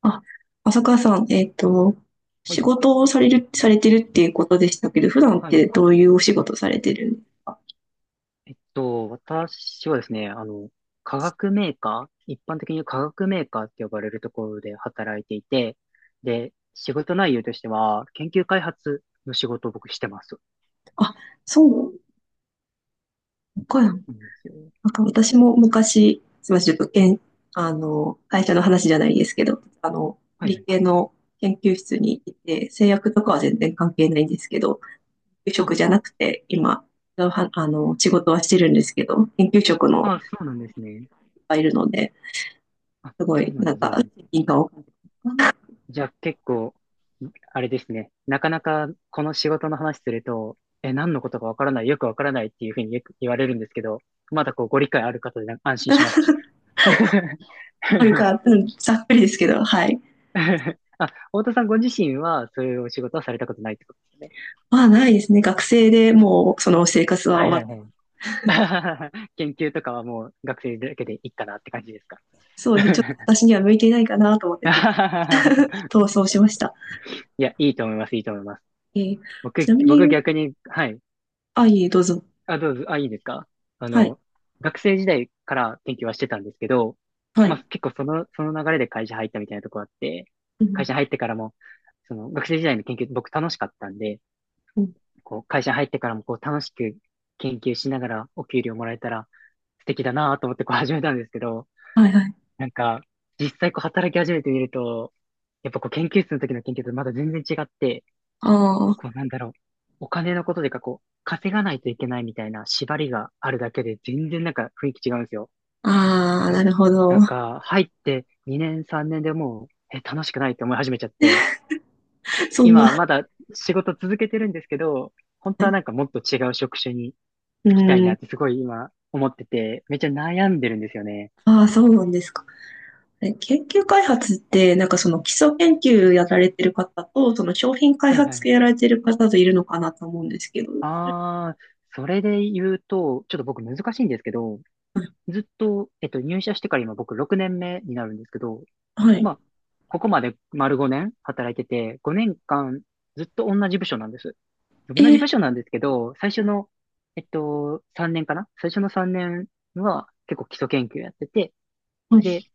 あ、浅川さん、は仕い。事をされる、されてるっていうことでしたけど、普段っはてい。どういうお仕事されてるんですか？私はですね、化学メーカー、一般的に化学メーカーって呼ばれるところで働いていて、で、仕事内容としては、研究開発の仕事を僕してます。あ、そうか。なんなんですよ。か私も昔、すみません、ちょっと、けん、会社の話じゃないですけど、はいは理い。系の研究室にいて、製薬とかは全然関係ないんですけど、研究あ、職じゃなくて、今、はあの、仕事はしてるんですけど、研究職のあ、そうなんですね。いっぱいいるので、あ、すごそい、うななんんだ、そうか、なんだ。責任感をじゃあ結構、あれですね。なかなかこの仕事の話すると、え、何のことかわからない、よくわからないっていうふうによく言われるんですけど、まだこうご理解ある方でなんか安心しました。あるか、うん、ざっくりですけど、はい。あ、太田さんご自身はそういうお仕事はされたことないってことですよね。まあ、ないですね。学生でもうその生活ははい終はわいって。はい。研究とかはもう学生だけでいいかなって感じですか？ そうですね。ちょっと私には向いていないかなと思って、ちょっと 逃走しました。いや、いいと思います、いいと思います。えーち僕、なみ僕に、逆に、はい。あ、いえ、どうぞ。あ、どうぞ、あ、いいですか？あはい。の、学生時代から研究はしてたんですけど、はまい。あ結構その流れで会社入ったみたいなとこあって、う会ん。社入ってからも、その学生時代の研究僕楽しかったんで、うん。こう、会社に入ってからもこう、楽しく研究しながらお給料もらえたら素敵だなと思ってこう 始めたんですけど、はいはい。なんか、実際こう働き始めてみると、やっぱこう研究室の時の研究とまだ全然違って、あこうあ。なんだろう、お金のことでかこう、稼がないといけないみたいな縛りがあるだけで全然なんか雰囲気違うんですよ。なあんあ、か、なるほなど。んか入って2年3年でもう、え、楽しくないって思い始めちゃって、そん今な。まだ仕事続けてるんですけど、本当ははい。なんかもっと違う職種にうつきたいなん。ってすごい今思ってて、めっちゃ悩んでるんですよね。ああ、そうなんですか。え研究開発って、なんかその基礎研究やられてる方と、その商品開はいは発系い。やられてる方といるのかなと思うんですけど。ああそれで言うと、ちょっと僕難しいんですけど、はい。ずっと、入社してから今僕6年目になるんですけど、はまい。あ、ここまで丸5年働いてて、5年間ずっと同じ部署なんです。え同じ部ー署なんですけど、最初の、3年かな最初の3年は結構基礎研究やってて、はで、い。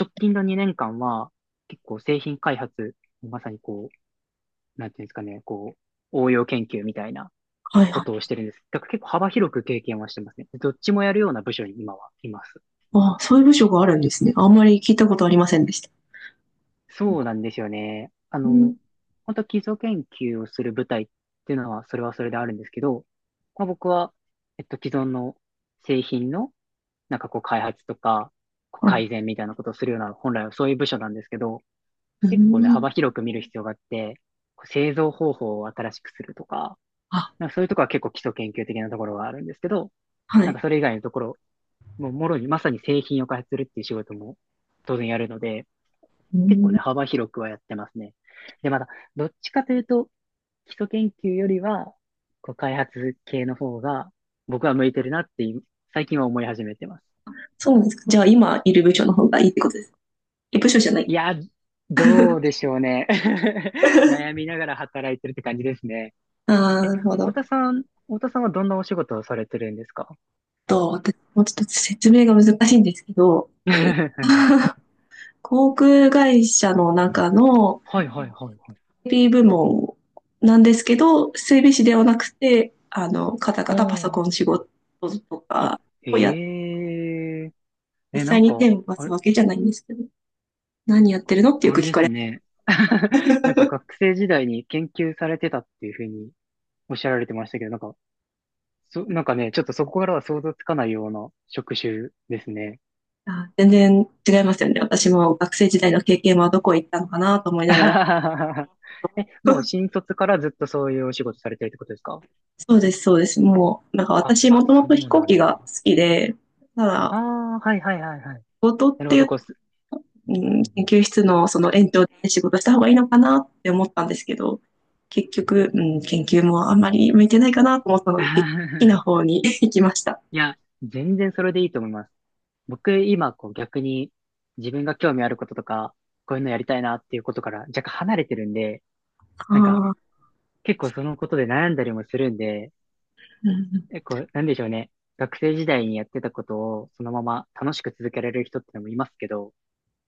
直近の2年間は結構製品開発、まさにこう、なんていうんですかね、こう、応用研究みたいなはいこはとい。をしてるんです。だから結構幅広く経験はしてますね。どっちもやるような部署に今はいます。ああ、そういう部署があるんですね。あんまり聞いたことありませんでした。そうなんですよね。うん。本当基礎研究をする部隊っていうのは、それはそれであるんですけど、まあ、僕は、既存の製品の、なんかこう、開発とか、こうはい。改善みたいなことをするような、本来はそういう部署なんですけど、う結構ね、ん。幅広く見る必要があって、こう製造方法を新しくするとか、あ、なんかそういうところは結構基礎研究的なところはあるんですけど、はなんい。かそれ以外のところ、もうもろにまさに製品を開発するっていう仕事も当然やるので、う結構ん。ね、幅広くはやってますね。で、また、どっちかというと、基礎研究よりは、こう開発系の方が、僕は向いてるなって今、最近は思い始めてます。そうなんですか。じゃあ、今いる部署の方がいいってことです。え、部署じゃないい。や、どうでしょうね。悩み ながら働いてるって感じですね。ああ、え、なるほ太ど。田さん、太田さんはどんなお仕事をされてるんですか？ と、私、もうちょっと説明が難しいんですけど、はい 航空会社の中のはいはいはい。エーピー部門なんですけど、整備士ではなくて、カタうカタパソコん。ン仕事とあ、かへをやっえ。実え、な際んに手か、を動かあすれ、わけじゃないんですけど、何やってるのってよあくれ聞でかすれね。なんか学生時代に研究されてたっていうふうにおっしゃられてましたけど、なんか、なんかね、ちょっとそこからは想像つかないような職種ですね。ます。 全然違いますよね。私も学生時代の経験はどこ行ったのかなと思いながら。え、もう 新卒からずっとそういうお仕事されてるってことですか？そうです、そうです。もう、なんかあ、私もともそうと飛行な機んだ。が好きで、たあだ、あ、はいはいはいはい。仕事っなるてほいど。う、こうす。うん、うん研う究室のその延長で仕事した方がいいのかなって思ったんですけど、結ん 局、うん、研究もあんまり向いてないかなと思ったので、好きな 方に 行きました。いや、全然それでいいと思います。僕今こう逆に自分が興味あることとか、こういうのやりたいなっていうことから若干離れてるんで、あなんかあ、結構そのことで悩んだりもするんで、うん、結構なんでしょうね。学生時代にやってたことをそのまま楽しく続けられる人ってのもいますけど、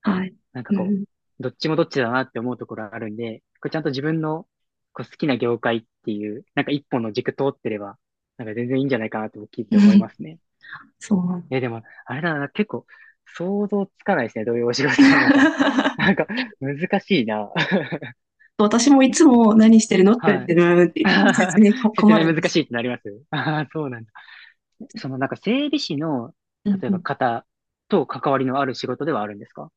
はい。なんかうこん、う、どっちもどっちだなって思うところあるんで、これちゃんと自分のこう好きな業界っていう、なんか一本の軸通ってれば、なんか全然いいんじゃないかなと僕聞いて思い ますね。そう。え、でも、あれだな、結構、想像つかないですね。どういうお仕事なのか。なんか、難しいな。私もいえ、つも何してるのってはい。言われて、って言って説 明説困明るんで難すしいけってなります ああ、そうなんだ。その、なんか、整備士の、ど。うん例えうばん。方と関わりのある仕事ではあるんですか？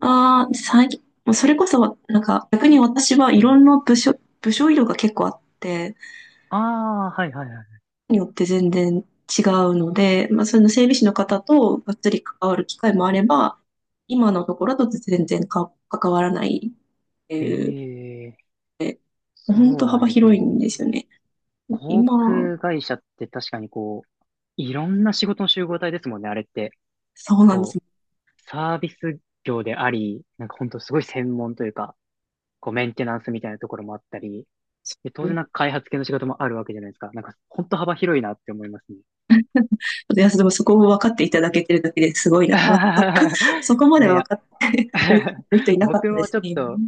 ああ、最近、もうそれこそ、なんか逆に私はいはい。ろんな部署、部署色が結構あって、ああ、はいはいはによって全然違うので、まあその整備士の方とがっつり関わる機会もあれば、今のところだと全然か関わらないってい。いう、ええ、そ本当うなん幅です広いね。んですよね。航今、空会社って確かにこう、いろんな仕事の集合体ですもんね、あれって。そうなんでこす。う、サービス業であり、なんかほんとすごい専門というか、こうメンテナンスみたいなところもあったり、で、当然なんか開発系の仕事もあるわけじゃないですか。なんか、本当幅広いなって思いますね。いや、でもそこを分かっていただけてるだけですごいなって、そそ こまいでやい分や かってくれてる人 いなかっ僕たでもすちょっね。と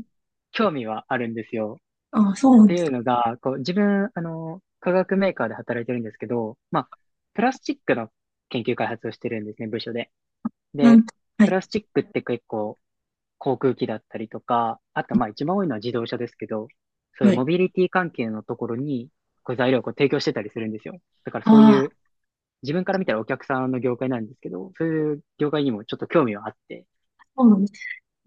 興味はあるんですよ。ああ、そうなっんてですいうか。のが、こう、自分、化学メーカーで働いてるんですけど、まあ、プラスチックの研究開発をしてるんですね、部署で。なんで、と、はプい、ラスチックって結構、航空機だったりとか、あとまあ一番多いのは自動車ですけど、そういうはモい。ビリティ関係のところに、こう材料をこう提供してたりするんですよ。だからそういああ、う、自分から見たらお客さんの業界なんですけど、そういう業界にもちょっと興味はあって、そうなんです。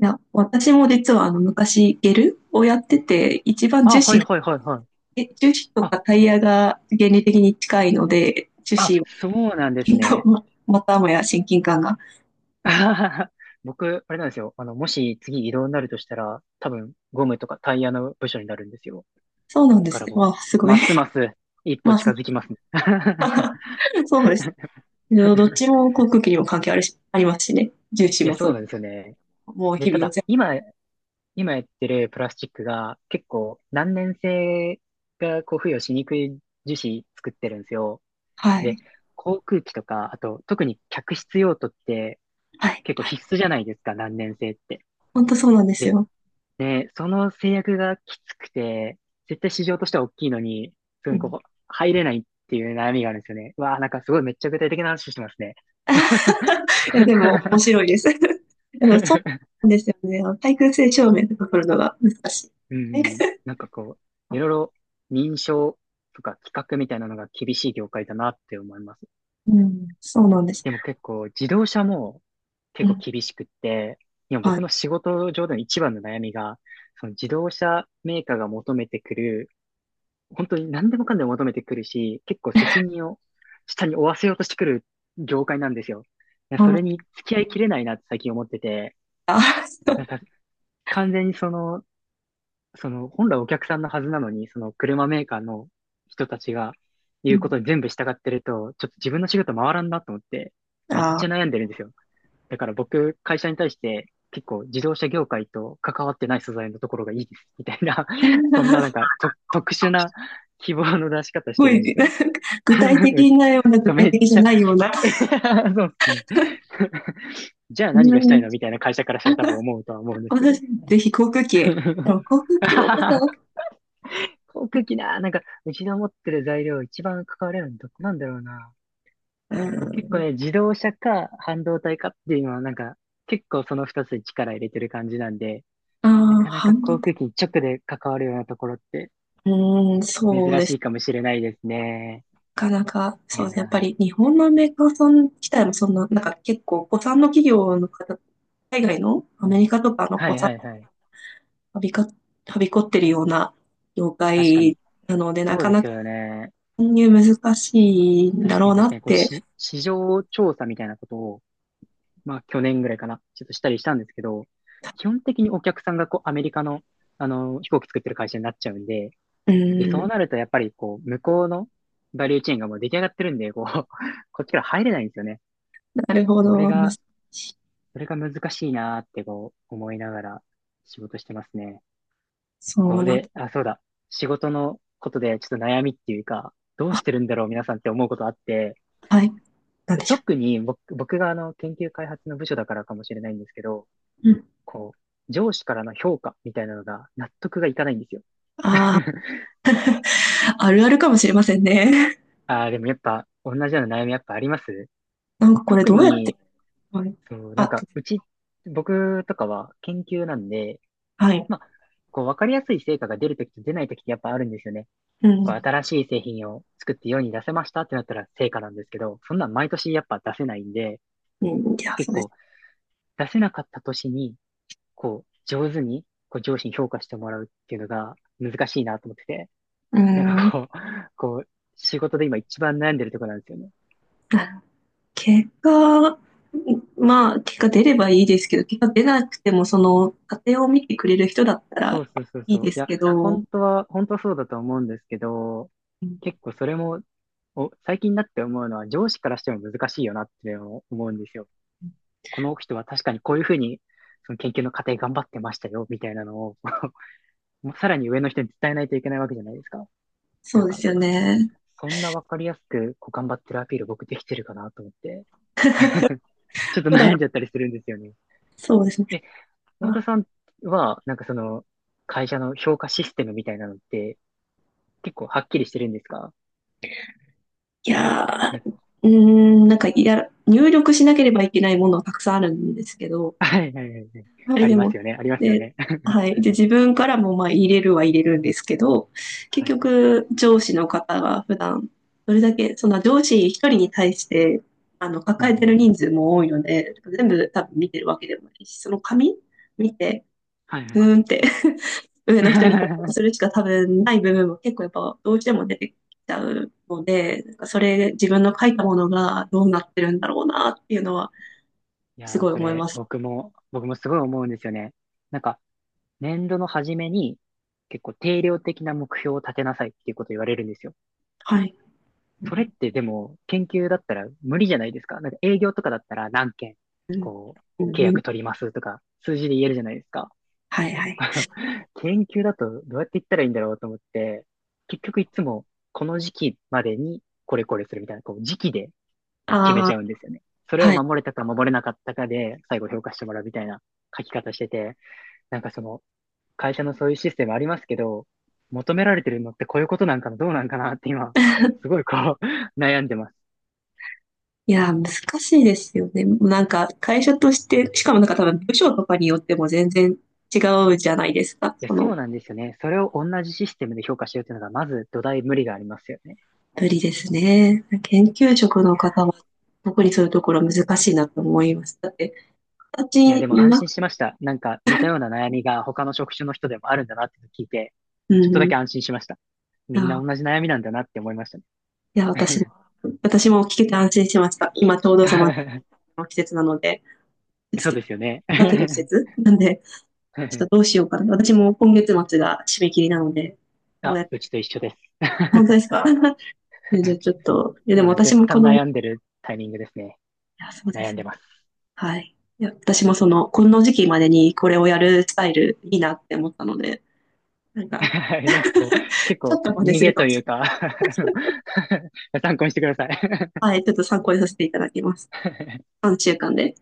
いや、私も実はあの昔ゲルをやってて、一番樹あ、はい脂、はいはいはい。え樹脂とあ、かタイヤが原理的に近いので、樹あ、脂を、そうなんですね。またもや親近感が。僕、あれなんですよ。もし次移動になるとしたら、多分ゴムとかタイヤの部署になるんですよ。そうなんでだかすらね。わもあ、すう、ごい。ますます一まあ、歩近づ きますね。そうですね。どっち も航空機にも関係あるし、ありますしね。重視いや、もそそううでなんですよね。す。もうで、日た々おだ、世今、やってるプラスチックが結構難燃性がこう付与しにくい樹脂作ってるんですよ。はで、い。航空機とか、あと特に客室用途ってはい。結構はい。必須じゃないですか、難燃性って。本当そうなんですで、よ。ね、その制約がきつくて、絶対市場としては大きいのに、すうぐこん。こ入れないっていう悩みがあるんですよね。うわあ、なんかすごいめっちゃ具体的な話してますね。いや、でも面 白いです。そうなんですよね。あの対空性証明とか取るのが難しい。うんうん。なんかこう、いろいろ認証とか規格みたいなのが厳しい業界だなって思います。うん、そうなんです。でも結構自動車もう結構ん。厳しくって、今はい。僕の仕事上での一番の悩みが、その自動車メーカーが求めてくる、本当に何でもかんでも求めてくるし、結構責任を下に負わせようとしてくる業界なんですよ。いやあそれの、に付き合いきれないなって最近思ってて、あ、なんか完全にその本来お客さんのはずなのに、その車メーカーの人たちがう言うん。ことに全部従ってると、ちょっと自分の仕事回らんなと思って、めっあちゃあ。悩んでるんですよ。だから僕、会社に対して結構自動車業界と関わってない素材のところがいいです、みたいな そんな なんすかと特殊な希望の出し方してごるんでい、すよね。具体 めっ的なような、ち具ゃめ体っ的じちゃゃ ないような。そうですね。じゃあう何がしたいん。のみたいな、会社からしたら多分思うとは思うんですけ私、ど。ぜひ航空機。で も航空機も、航空機な、なんか、うちの持ってる材料、一番関われるのどこなんだろうな。うん。結構ね、自動車か半導体かっていうのは、結構その二つに力入れてる感じなんで、なああ、かなか反航空機に直で関わるようなところって応。うん、そう珍でしすいねかもしれないですね。かなか、いそうやですね。やっぱりー、日本のメーカーさん自体もそんな、なんか結構、古参の企業の方、海外のアうメリん。カとかのは古い参はいのは企業い。がはびか、はびこってるような業確か界に。なので、なそうかでなすかよね。参入難しいんだ確かろうに確なかっに、て。市場調査みたいなことを、まあ去年ぐらいかな、ちょっとしたりしたんですけど、基本的にお客さんがこうアメリカの、飛行機作ってる会社になっちゃうんで、うで、そうん、なるとやっぱりこう、向こうのバリューチェーンがもう出来上がってるんで、こう、こっちから入れないんですよね。なるほそれど。難が、しいそれが難しいなーってこう、思いながら仕事してますね。こそううなんだ。で、あ、そうだ。仕事のことでちょっと悩みっていうか、どうあ、してるんだろう皆さんって思うことあって、はい。なんでしょ特に僕が、あの、研究開発の部署だからかもしれないんですけど、う。うん。こう、上司からの評価みたいなのが納得がいかないんですよ。あ あ、あるあるかもしれませんね。ああ、でもやっぱ同じような悩みやっぱあります。 なんかこれ特どうやって、に、はい。そう、なんあ、か、うち、僕とかは研究なんで、はい。まあ、こう、わかりやすい成果が出るときと出ないときってやっぱあるんですよね。うこう、ん。新しい製品を作って世に出せましたってなったら成果なんですけど、そんなん毎年やっぱ出せないんで、うん、いや、そ結うです。構出せなかった年に、こう、上手に、こう、上司に評価してもらうっていうのが難しいなと思ってて。うなんかん。こう、こう、仕事で今一番悩んでるところなんですよね。結果、まあ、結果出ればいいですけど、結果出なくても、その、家庭を見てくれる人だったそらうそうそういいそでう。いすや、けど、本当はそうだと思うんですけど、うん、結構それも、最近になって思うのは、上司からしても難しいよなって思うんですよ。この人は確かにこういうふうに、その研究の過程頑張ってましたよ、みたいなのを もうさらに上の人に伝えないといけないわけじゃないですか。そなんうでか、すよね。そそんなわかりやすく、こう頑張ってるアピール僕できてるかなと思って、ちょっと普段、悩んじゃったりするんですよね。そうですね。で、太田あ、さんは、なんかその、会社の評価システムみたいなのって、結構はっきりしてるんですか？いやなんかー、うーん、なんか、いや、入力しなければいけないものはたくさんあるんですけど、はいはいはいはい。はい、あでりますも、よね、ありますよで、ね。はい。で、自分からもまあ入れるは入れるんですけど、結はい。局、上司の方が普段、どれだけ、その上司一人に対して、うんう抱えてるん。人数も多いので、全部多分見てるわけでもないし、その紙見て、はいはいうーはんっい。て 上の人に報告するしか多分ない部分も結構やっぱどうしても出てきちゃうので、なんかそれ、自分の書いたものがどうなってるんだろうなっていうのは、いすやー、ごいそ思いれ、ます。僕もすごい思うんですよね。なんか、年度の初めに、結構定量的な目標を立てなさいっていうこと言われるんですよ。はい。うそれっんてでも、研究だったら無理じゃないですか。なんか営業とかだったら何件、うんこう、契う約ん。取りますとか、数字で言えるじゃないですか。はいはい。研究だとどうやって言ったらいいんだろうと思って、結局いつもこの時期までにこれこれするみたいな、こう時期でこう決めあちゃうあ、んですよね。それをはい。守れたか守れなかったかで最後評価してもらうみたいな書き方してて、なんかその会社のそういうシステムありますけど、求められてるのってこういうことなんかな、どうなんかなって今、すごいこう 悩んでます。いやー、難しいですよね。なんか、会社として、しかもなんか多分部署とかによっても全然違うじゃないですか。いや、そその、うなんですよね。それを同じシステムで評価しようっていうのが、まず土台無理がありますよね。ぶりですね。研究職の方は、特にそういうところ難しいなと思います。だって、いや、私でも安は、心しました。なんか似たような悩みが他の職種の人でもあるんだなって聞いて、うちょっとだん、けい安心しました。やみんー、な同じ悩みなんだなって思いましたね。いや、私も、私も聞けて安心しました。今ちょうどその、季節なので、季そう節ですよね。育てる季 節なんで、ちょっとどうしようかな。私も今月末が締め切りなので、どうあ、やって、うちと一緒です。本当です か？でじゃあちょっと、いやでも今私絶もこ賛の、い悩んでるタイミングですね。や、そうで悩んすでね。ます。はい。いや、私もその、この時期までにこれをやるスタイルいいなって思ったので、なん か、はい、なんかこう、結ちょ構っと真似逃するげかともいしうれなか、 あの、 参考にしてください。 い。はい、ちょっと参考にさせていただきます。3週間で。